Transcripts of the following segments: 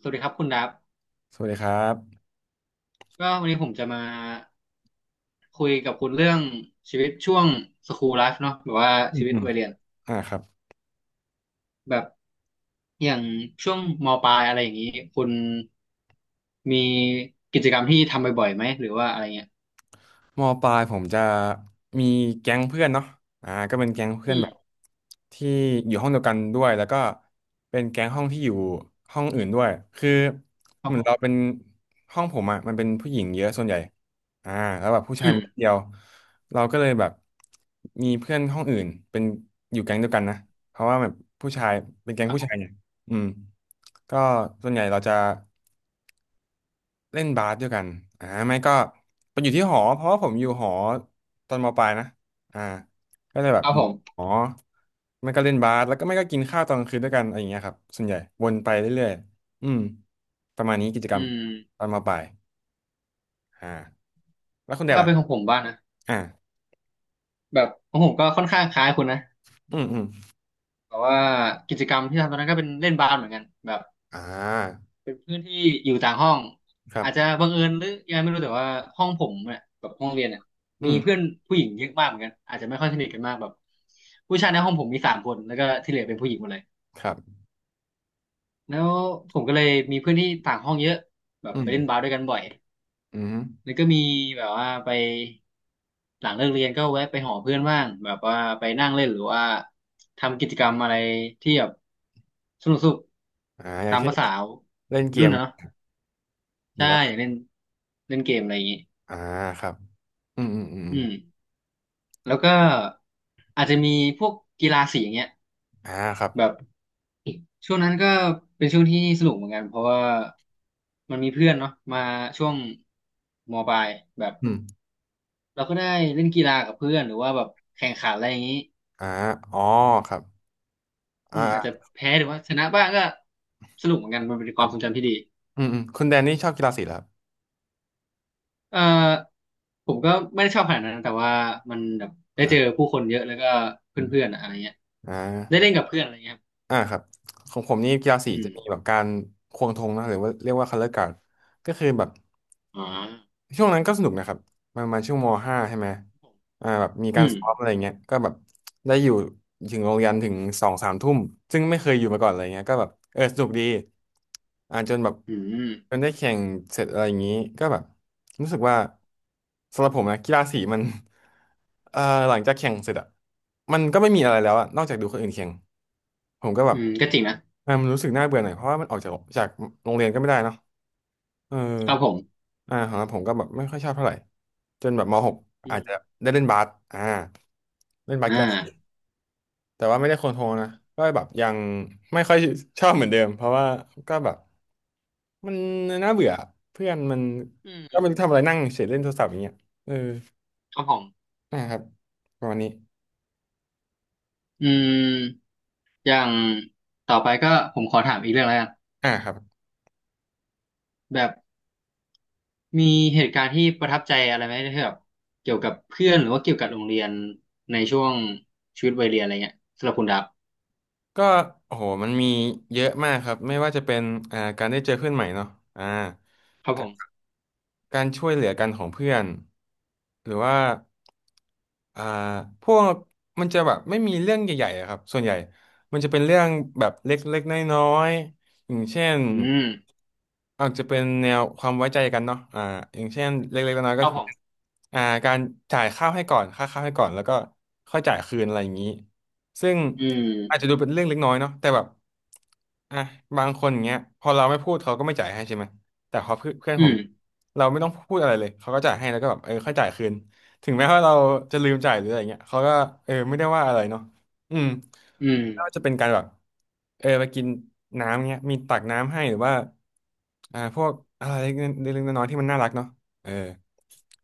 สวัสดีครับคุณดับสวัสดีครับก็วันนี้ผมจะมาคุยกับคุณเรื่องชีวิตช่วงสคูลไลฟ์เนาะแบบว่าอืชีมวิตอืมวัยเรียนอ่าครับแบบอย่างช่วงมปลายอะไรอย่างนี้คุณมีกิจกรรมที่ทำบ่อยๆไหมหรือว่าอะไรเงี้ยมปลายผมจะมีแก๊งเพื่อนเนาะอ่าก็เป็นแก๊งเพื่อือนมแบบที่อยู่ห้องเดียวกันด้วยแล้วก็เป็นแก๊งห้องที่อยู่ห้องอื่นด้วยคือครัเหบมือผนเราเป็นมห้องผมอะมันเป็นผู้หญิงเยอะส่วนใหญ่อ่าแล้วแบบผู้ชายอืมมีนิดเดียวเราก็เลยแบบมีเพื่อนห้องอื่นเป็นอยู่แก๊งเดียวกันนะเพราะว่าแบบผู้ชายเป็นแก๊งครับผู้ผชามยเนี่ยอืมก็ส่วนใหญ่เราจะ เล่นบาสด้วยกันอ่าไม่ก็ไปอยู่ที่อืมหอ เพราะว่าผมอยู่หอตอนมปลายนะอ่าก็เลยแบคบรับอผยู่มหอไม่ก็เล่นบาสแล้วก็ไม่ก็กินข้าวตอนกลางคืนด้วยกันอะไรอย่างเงี้ยครับส่วนใหญ่วนไปเรื่อยๆอืมประมาณนี้กิจกรอืรมมตอนมปลายอ่าแล้วคุณเดก็ชล่ะเป็นของผมบ้างนะอ่าแบบของผมก็ค่อนข้างคล้ายคุณนะอืมอืมแต่ว่ากิจกรรมที่ทำตอนนั้นก็เป็นเล่นบาสเหมือนกันแบบ อ่าเป็นเพื่อนที่อยู่ต่างห้องครับอาจจะบังเอิญหรือยังไงไม่รู้แต่ว่าห้องผมเนี่ยแบบห้องเรียนเนี่ยอืมีเพื่อนมผู้หญิงเยอะมากเหมือนกันอาจจะไม่ค่อยสนิทกันมากแบบผู้ชายในห้องผมมีสามคนแล้วก็ที่เหลือเป็นผู้หญิงหมดเลยครับแล้วผมก็เลยมีเพื่อนที่ต่างห้องเยอะแบบอืไปมเล่นบาสด้วยกันบ่อยอืมแล้วก็มีแบบว่าไปหลังเลิกเรียนก็แวะไปหอเพื่อนบ้างแบบว่าไปนั่งเล่นหรือว่าทำกิจกรรมอะไรที่แบบสนุกอ่าอๆย่างตามเช่นภาษาวเล่นัยเกรุ่นมนะเนาะ หรืใช่อว่าอยากเล่นเล่นเกมอะไรอย่างงี้อ่าครับอืมอืมอืมออืมมแล้วก็อาจจะมีพวกกีฬาสีอย่างเงี้ยอ่าครับแบบช่วงนั้นก็เป็นช่วงที่สนุกเหมือนกันเพราะว่ามันมีเพื่อนเนาะมาช่วงมปลายแบบอืมเราก็ได้เล่นกีฬากับเพื่อนหรือว่าแบบแข่งขันอะไรอย่างงี้อ่าอ๋อครับอืมอาจจะอ่าแพ้หรือว่าชนะบ้างก็สนุกเหมือนกันมันเป็นคครัวามบ ทรงจำที่ดีอืมอืมคุณแดนนี่ชอบกีฬาสีเหรอเอ่อผมก็ไม่ได้ชอบขนาดนั้นแต่ว่ามันแบบคได้รัเจอบผู้คนเยอะแล้วก็เพื่อนๆอะอะไรเงี้ยอ่าอมอ่าได้เล่นกับเพื่อนอะไรเงี้ยครับอ่าครับของผมนี่กีฬาสีอืจะม มีแบบการควงธงนะหรือว่าเรียกว่าคัลเลอรการก็คือแบบ อ่าช่วงนั้นก็สนุกนะครับมรมาช่วงมห้าใช่ไหมอ่าแบบมีอืการมซ้อมอะไรเงี้ยก็แบบได้อยู่ถึงโรงเรียนถึงสองสามทุ่มซึ่งไม่เคยอยู่มาก่อนอะไรเงี้ยก็แบบเออสนุกดีอ่าจนแบบอืจนมได้แข่งเสร็จอะไรอย่างนี้ก็แบบรู้สึกว่าสำหรับผมนะกีฬาสีมัน เอ่อหลังจากแข่งเสร็จอะมันก็ไม่มีอะไรแล้วอะนอกจากดูคนอื่นแข่งผมก็แบอืบมก็จริงนะเออมันรู้สึกน่าเบื่อหน่อยเพราะว่ามันออกจากโรงเรียนก็ไม่ได้เนาะ เออครับผมอ่าของผมก็แบบไม่ค่อยชอบเท่าไหร่จนแบบมหกอือาจมจะได้เล่นบาสอ่าเล่นบาสอกีฬาสี่าแต่ว่าไม่ได้โคนโทรนะ ก็แบบยังไม่ค่อยชอบเหมือนเดิม เพราะว่าก็แบบมันน่าเบื่อเพื่อนมันอืก็มันมทำอะไรนั่งเฉยเล่นโทรศัพท์อย่างเงี้ยเออครับผมนะครับประมาณนี้อืมอย่างต่อไปก็ผมขอถามอีกเรื่องแล้วกันอ่าครับแบบมีเหตุการณ์ที่ประทับใจอะไรไหมที่แบบเกี่ยวกับเพื่อนหรือว่าเกี่ยวกับโรงเรียนในช่วงชีวิตวัยเรียนอะไรเงี้ยสำหรับคุณดับก็โอ้โหมันมีเยอะมากครับ ไม่ว่าจะเป็นอ่าการได้เจอเพื่อนใหม่เนาะอ่า ครับผมการช่วยเหลือกันของเพื่อนหรือว่าอ่าพวกมันจะแบบไม่มีเรื่องใหญ่ๆอะครับส่วนใหญ่มันจะเป็นเรื่องแบบเล็กๆน้อยๆอย่างเช่น อืมอาจจะเป็นแนวความไว้ใจกันเนาะอ่าอย่างเช่นเล็กๆน้อยๆคก็รับผมอ่าการจ่ายข้าวให้ก่อนค่าข้าวให้ก่อนแล้วก็ค่อยจ่ายคืนอะไรอย่างนี้ซึ่งอืมอาจจะดูเป็นเรื่องเล็กน้อยเนาะแต่แบบอ่ะบางคนอย่างเงี้ยพอเราไม่พูดเขาก็ไม่จ่ายให้ใช่ไหมแต่พอเพื่อนเพื่อนอืผมมเราไม่ต้องพูดอะไรเลยเขาก็จ่ายให้แล้วก็แบบเออค่อยจ่ายคืนถึงแม้ว่าเราจะลืมจ่ายหรืออะไรเงี้ยเขาก็เออไม่ได้ว่าอะไรเนาะ อืมอืมไม่ว่าจะเป็นการแบบเออไปกินน้ำเงี้ยมีตักน้ำให้หรือว่าอ่าพวกอะไรเล็กๆน้อยๆที่มันน่ารักเนาะเออ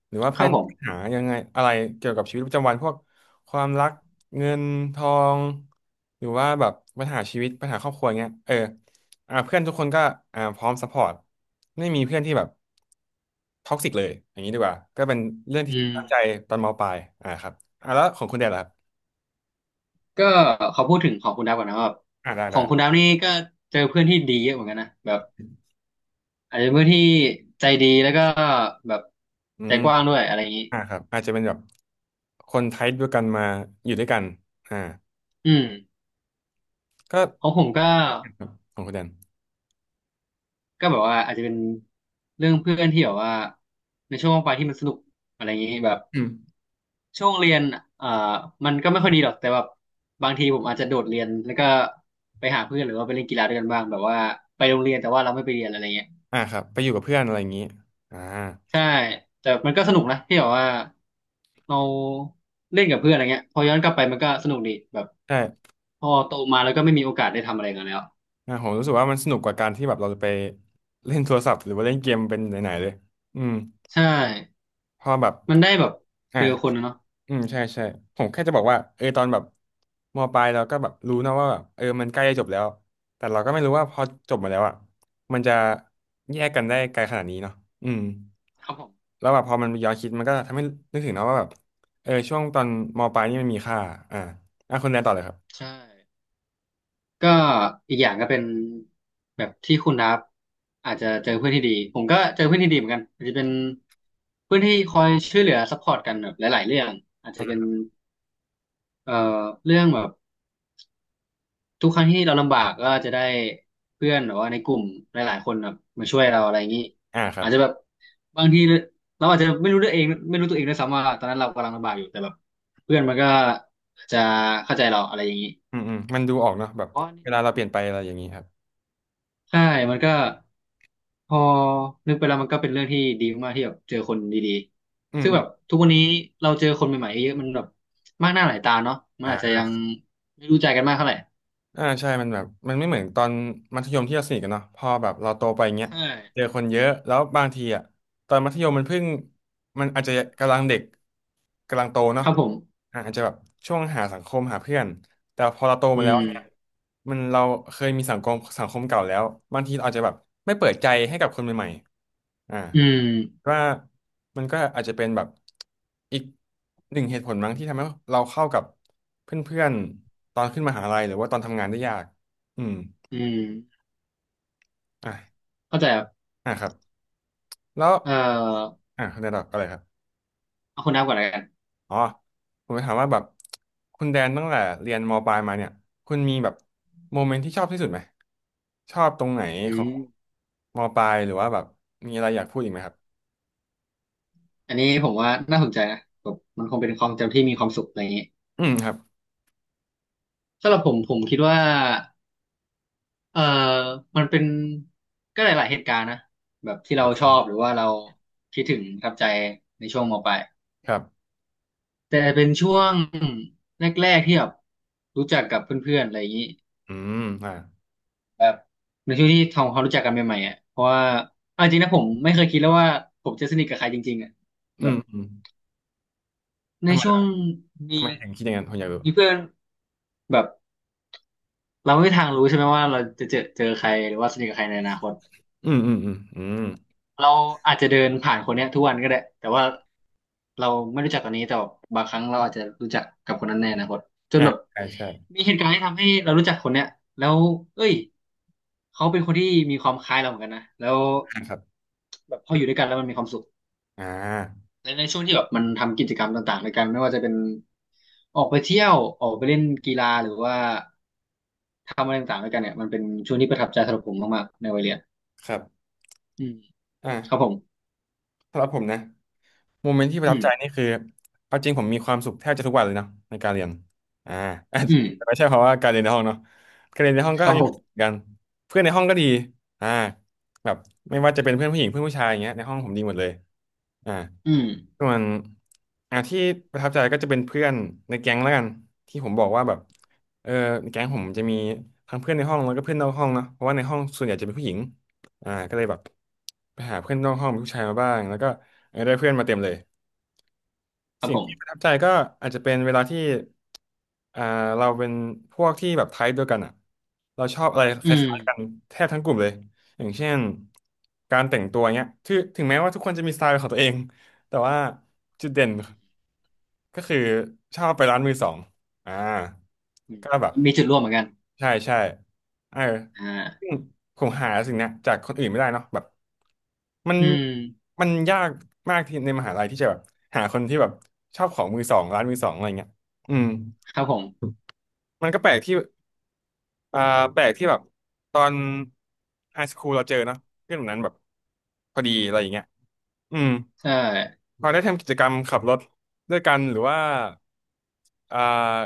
หรือว่าคเพื่รัอบนผมหายังไงอะไรเกี่ยวกับชีวิตประจำวันพวกความรักเงินทองหรือว่าแบบปัญหาชีวิตปัญหาครอบครัวเงี้ยเอออ่าเพื่อนทุกคนก็อ่าพร้อมซัพพอร์ตไม่มีเพื่อนที่แบบท็อกซิกเลยอย่างนี้ดีกว่าก็เป็นเรื่องที่อืตั้งใจมตอนมปลายอ่าครับอ่าแล้วของคุณแดนล่ะครับก็ขอพูดถึงของคุณดับก่อนนะว่าแบบอ่าได้ขอได้งคุณดัได้บนี่ก็เจอเพื่อนที่ดีเยอะเหมือนกันนะแบบ อาจจะเป็นผู้ที่ใจดีแล้วก็แบบอืใจม กว้างด้วยอะไรอย่างนี้อ่าครับอาจจะเป็นแบบคนไทป์เดียวกันมาอยู่ด้วยกันอ่าอืมก็ของผมก็ครับของคุณแดนก็แบบว่าอาจจะเป็นเรื่องเพื่อนที่แบบว่าในช่วงว่างไปที่มันสนุกอะไรอย่างนี้แบบอืมช่วงเรียนอ่ามันก็ไม่ค่อยดีหรอกแต่แบบบางทีผมอาจจะโดดเรียนแล้วก็ไปหาเพื่อนหรือว่าไปเล่นกีฬาด้วยกันบ้างแบบว่าไปโรงเรียนแต่ว่าเราไม่ไปเรียนอะไรเงี้ย อ่าครับไปอยู่กับเพื่อนอะไรอย่างนี้อ่าใช่แต่มันก็สนุกนะที่แบบว่าเราเล่นกับเพื่อนอะไรเงี้ยพอย้อนกลับไปมันก็สนุกดีแบบใช่พอโตมาแล้วก็ไม่มีโอกาสได้ทำอะไรกันแล้วอ่าผมรู้สึกว่ามันสนุกกว่าการที่แบบเราจะไปเล่นโทรศัพท์หรือว่าเล่นเกมเป็นไหนๆเลยอืมใช่เพอแบบมันได้แบบอ่าเจอคนนะเนาะอืมใช่ใช่ผมแค่จะบอกว่าเออตอนแบบมปลายเราก็แบบรู้นะว่าแบบเออมันใกล้จะจบแล้วแต่เราก็ไม่รู้ว่าพอจบมาแล้วอ่ะมันจะแยกกันได้ไกลขนาดนี้เนาะอืม ครับผมแล้วแบบพอมันย้อนคิดมันก็ทำให้นึกถึงเนาะว่าแบบเออช่วงตอนมปลายนี่มันมีค่าอ่าอ่ะคุณแดนต่อเลยครับใช่ก็อีกอย่างก็เป็นแบบที่คุณนับอาจจะเจอเพื่อนที่ดีผมก็เจอเพื่อนที่ดีเหมือนกันอาจจะเป็นเพื่อนที่คอยช่วยเหลือซัพพอร์ตกันแบบหลายๆเรื่องอาจจะเป็นเอ่อเรื่องแบบ ทุกครั้งที่เราลำบากก็จะได้เพื่อนหรือว่าในกลุ่มหลายๆคนแบบมาช่วยเราอะไรอย่างนี้อ่าครัอาบจจะแบบบางทีเราอาจจะไม่รู้ด้วยเองไม่รู้ตัวเองด้วยซ้ำว่าตอนนั้นเรากำลังลำบากอยู่แต่แบบเพื่อนมันก็จะเข้าใจเราอะไรอย่างนี้อืมอืมมันดูออกเนาะแบบเพเวราะ่ลาเราเปลี่ยนไปอะไรอย่างนี้ครับใช่มันก็พอนึกไปแล้วมันก็เป็นเรื่องที่ดีมากๆที่แบบเจอคนดีอืๆมซึ่งอืแบมบทุกวันนี้เราเจอคนใหม่ๆเยอะมันแบบมากหน้าหลายตาเนาะมันอาจจะยัอ่างไม่รู้ใจกันมากเท่าไหร่อ่าใช่มันแบบมันไม่เหมือนตอนมัธยมที่เราสนิทกันเนาะพอแบบเราโตไปเงี้ยใช่เจอคนเยอะแล้วบางทีอ่ะตอนมัธยมมันเพิ่งมันอาจจะกำลังเด็กกำลังโตคเนาะ รับผมอาจจะแบบช่วงหาสังคมหาเพื่อนแต่พอเราโตอืมาแล้วมเนี่ยมันเราเคยมีสังคมเก่าแล้วบางทีเราอาจจะแบบไม่เปิดใจให้กับคนใหม่ๆอืมว่ามันก็อาจจะเป็นแบบอีกหนึ่งเหตุผลมั้งที่ทำให้เราเข้ากับเพื่อนๆตอนขึ้นมหาลัยหรือว่าตอนทำงานได้ยากอืมอืม อ่ะเข้าใจครับอ่ะครับแล้วเอ่ออ่ะคุณอาอะไรครับ เอาคนนับก่อนแล้วกันอ๋อผมจะถามว่าแบบคุณแดนตั้งแต่เรียนมปลายมาเนี่ยคุณมีแบบโมเมนต์ที่ชอบที่สุดไหมชอบตรงไหนอืของมมปลายหรือว่าแบบมีอะไรอยากพูดอีกไหมครับอันนี้ผมว่าน่าสนใจนะแบบมันคงเป็นความจำที่มีความสุขอะไรอย่างนี้อืมครับสำหรับผมผมคิดว่าเอ่อมันเป็นก็หลายๆเหตุการณ์นะแบบที่คเรารัชบอบหรือว่าเราคิดถึงประทับใจในช่วงมปลายครับแต่เป็นช่วงแรกๆที่แบบรู้จักกับเพื่อนๆอะไรอย่างนี้อืมแบบในช่วงที่ทำความรู้จักกันใหม่ๆอ่ะเพราะว่าเอาจริงนะผมไม่เคยคิดแล้วว่าผมจะสนิทกับใครจริงๆอ่ะ อืมอืมในทำไมช่วล่ะงมีทำไมถึงคิดอย่างนั้นผมอยากรู้มีเพื่อนแบบเราไม่มีทางรู้ใช่ไหมว่าเราจะเจอใครหรือว่าสนิทกับใครในอนาคตอืมอืมอืมอืมแบบเราอาจจะเดินผ่านคนเนี้ยทุกวันก็ได้แต่ว่าเราไม่รู้จักตอนนี้แต่บางครั้งเราอาจจะรู้จักกับคนนั้นในอนาคตจนอ่าแบบใช่ใช่มีเหตุการณ์ที่ทำให้เรารู้จักคนเนี้ยแล้วเอ้ยเขาเป็นคนที่มีความคล้ายเราเหมือนกันนะแล้วอ่าครับแบบพออยู่ด้วยกันแล้วมันมีความสุข อ่าในช่วงที่แบบมันทำกิจกรรมต่างๆในกันไม่ว่าจะเป็นออกไปเที่ยวออกไปเล่นกีฬาหรือว่าทำอะไรต่างๆด้วยกันเนี่ยมันเป็นช่วงที่ประทับใจสำหรับผมมากๆในวัยเรียนครับอืมครับผอ่ามสำหรับผมนะ โมเมนต์ที่ประอืทับใจนี่มคือเอาจริงผมมีความสุขแทบจะทุกวันเลยนะในการเรียนอ่า อืม แต่ไม่ใช่เพราะว่าการเรียนในห้องเนาะการเรียนในห้องคก็รับยัผงเหมือนมกันเพื่อนในห้องก็ดีอ่าแบบไม่ว่าจะเป็นเพื่อนผู้หญิงเพื่อนผู้ชายอย่างเงี้ยในห้องผมดีหมดเลยอ่าอืมส่วนที่ประทับใจก็จะเป็นเพื่อนในแก๊งแล้วกันที่ผมบอกว่าแบบเออในแก๊งผมจะมีทั้งเพื่อนในห้องแล้วก็เพื่อนนอกห้องเนาะเพราะว่าในห้องส่วนใหญ่จะเป็นผู้หญิงก็เลยแบบไปหาเพื่อนนอกห้องเป็นผู้ชายมาบ้างแล้วก็ เออได้เพื่อนมาเต็มเลยครับสิ่งผที่ประทับมใจก็อาจจะเป็นเวลาที่อ่าเราเป็นพวกที่แบบไทป์เดียวกันอ่ะเราชอบอะไรคอืมล้ายๆกันแทบทั้งกลุ่มเลยอย่างเช่นการแต่งตัวเนี้ยถึงแม้ว่าทุกคนจะมีสไตล์เป็นของตัวเองแต่ว่าจุดเด่นอืมก็คือชอบไปร้านมือสองอ่าอืมก็แบบ มันมีจุดร่วมเหมือนกันใช่ใช่เอออ่าซึ่งผมหาสิ่งเนี้ยจากคนอื่นไม่ได้เนาะแบบมันอืมมันยากมากที่ในมหาลัยที่จะแบบหาคนที่แบบชอบของมือสองร้านมือสองอะไรเงี้ยอืมครับผมมันก็แปลกที่อ่าแปลกที่แบบตอนไฮสคูลเราเจอเนาะเพื่อนแบบนั้นแบบพอดีอะไรอย่างเงี้ยอืมใช่พอได้ทำกิจกรรมขับรถด้วยกันหรือว่า อ่า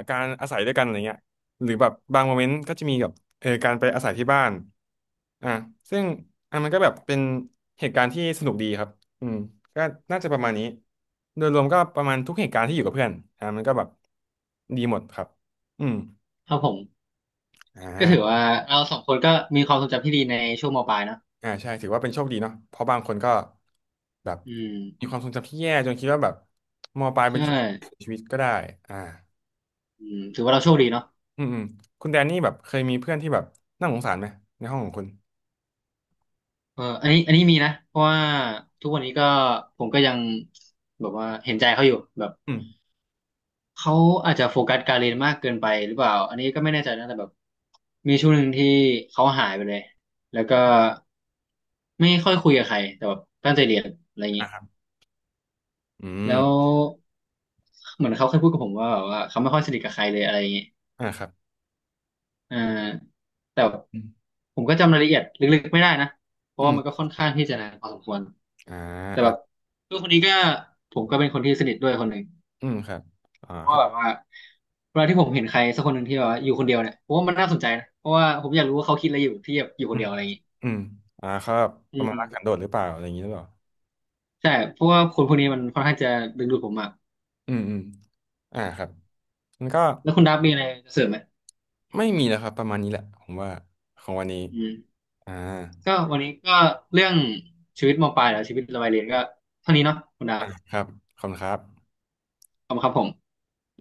การอาศัยด้วยกันอะไรเงี้ยหรือแบบบางโมเมนต์ก็จะมีแบบเออการไปอาศัยที่บ้านอ่าซึ่งอ่ะมันก็แบบเป็นเหตุการณ์ที่สนุกดีครับอืมก็น่าจะประมาณนี้โดยรวมก็ประมาณทุกเหตุการณ์ที่อยู่กับเพื่อนมันก็แบบดีหมดครับอืมครับผมก็อ่าถือว่าเราสองคนก็มีความทรงจำที่ดีในช่วงมปลายเนอะอ่าใช่ถือว่าเป็นโชคดีเนาะเพราะบางคนก็แบบอืมมีความทรงจำที่แย่จนคิดว่าแบบมปลายเป็นใช่ช่วงชีวิตก็ได้อ่าอืมถือว่าเราโชคดีเนาะ อืมอืมคุณแดนนี่แบบเคยมีเพื่อนที่แบบน่าสงสารไหมในห้องของคุณ เอออันนี้มีนะเพราะว่าทุกวันนี้ก็ผมก็ยังแบบว่าเห็นใจเขาอยู่แบบอืมเขาอาจจะโฟกัสการเรียนมากเกินไปหรือเปล่าอันนี้ก็ไม่แน่ใจนะแต่แบบมีช่วงหนึ่งที่เขาหายไปเลยแล้วก็ไม่ค่อยคุยกับใครแต่แบบตั้งใจเรียนอะไรอย่างนี้อ่าครับอืแล้มวเหมือนเขาเคยพูดกับผมว่าแบบว่าเขาไม่ค่อยสนิทกับใครเลยอะไรอย่างนี้อ่าครับอ่าแต่อืมผมก็จำรายละเอียดลึกๆไม่ได้นะเพอืราะว่ามันก็มค่อนข้างที่จะนานพอสมควร อ่าแต่แบอ่าบเพื่อนคนนี้ก็ผมก็เป็นคนที่สนิทด้วยคนหนึ่งอืมครับเพราะเขาว่าแบบว่าเวลาที่ผมเห็นใครสักคนหนึ่งที่แบบว่าอยู่คนเดียวเนี่ยผมว่ามันน่าสนใจนะเพราะว่าผมอยากรู้ว่าเขาคิดอะไรอยู่ที่แบบอยู่คอืนเดีมยวอะไรอย่างงี้อืมเขาแบบปอืระมามณรักสันโดษหรือเปล่าอะไรอย่างนี้หรือเปล่าใช่เพราะว่าคนพวกนี้มันค่อนข้างจะดึงดูดผมมากอืมอืมอ่าครับมันก็แล้วคุณดับมีอะไรจะเสริมไหมไม่มีแล้วครับประมาณนี้แหละผมว่าของวันนี้อืมอ่าก็วันนี้ก็เรื่องชีวิตมปลายแล้วชีวิตระบายเรียนก็เท่านี้เนาะคุณดัอ่าบครับขอบคุณครับขอบคุณครับผม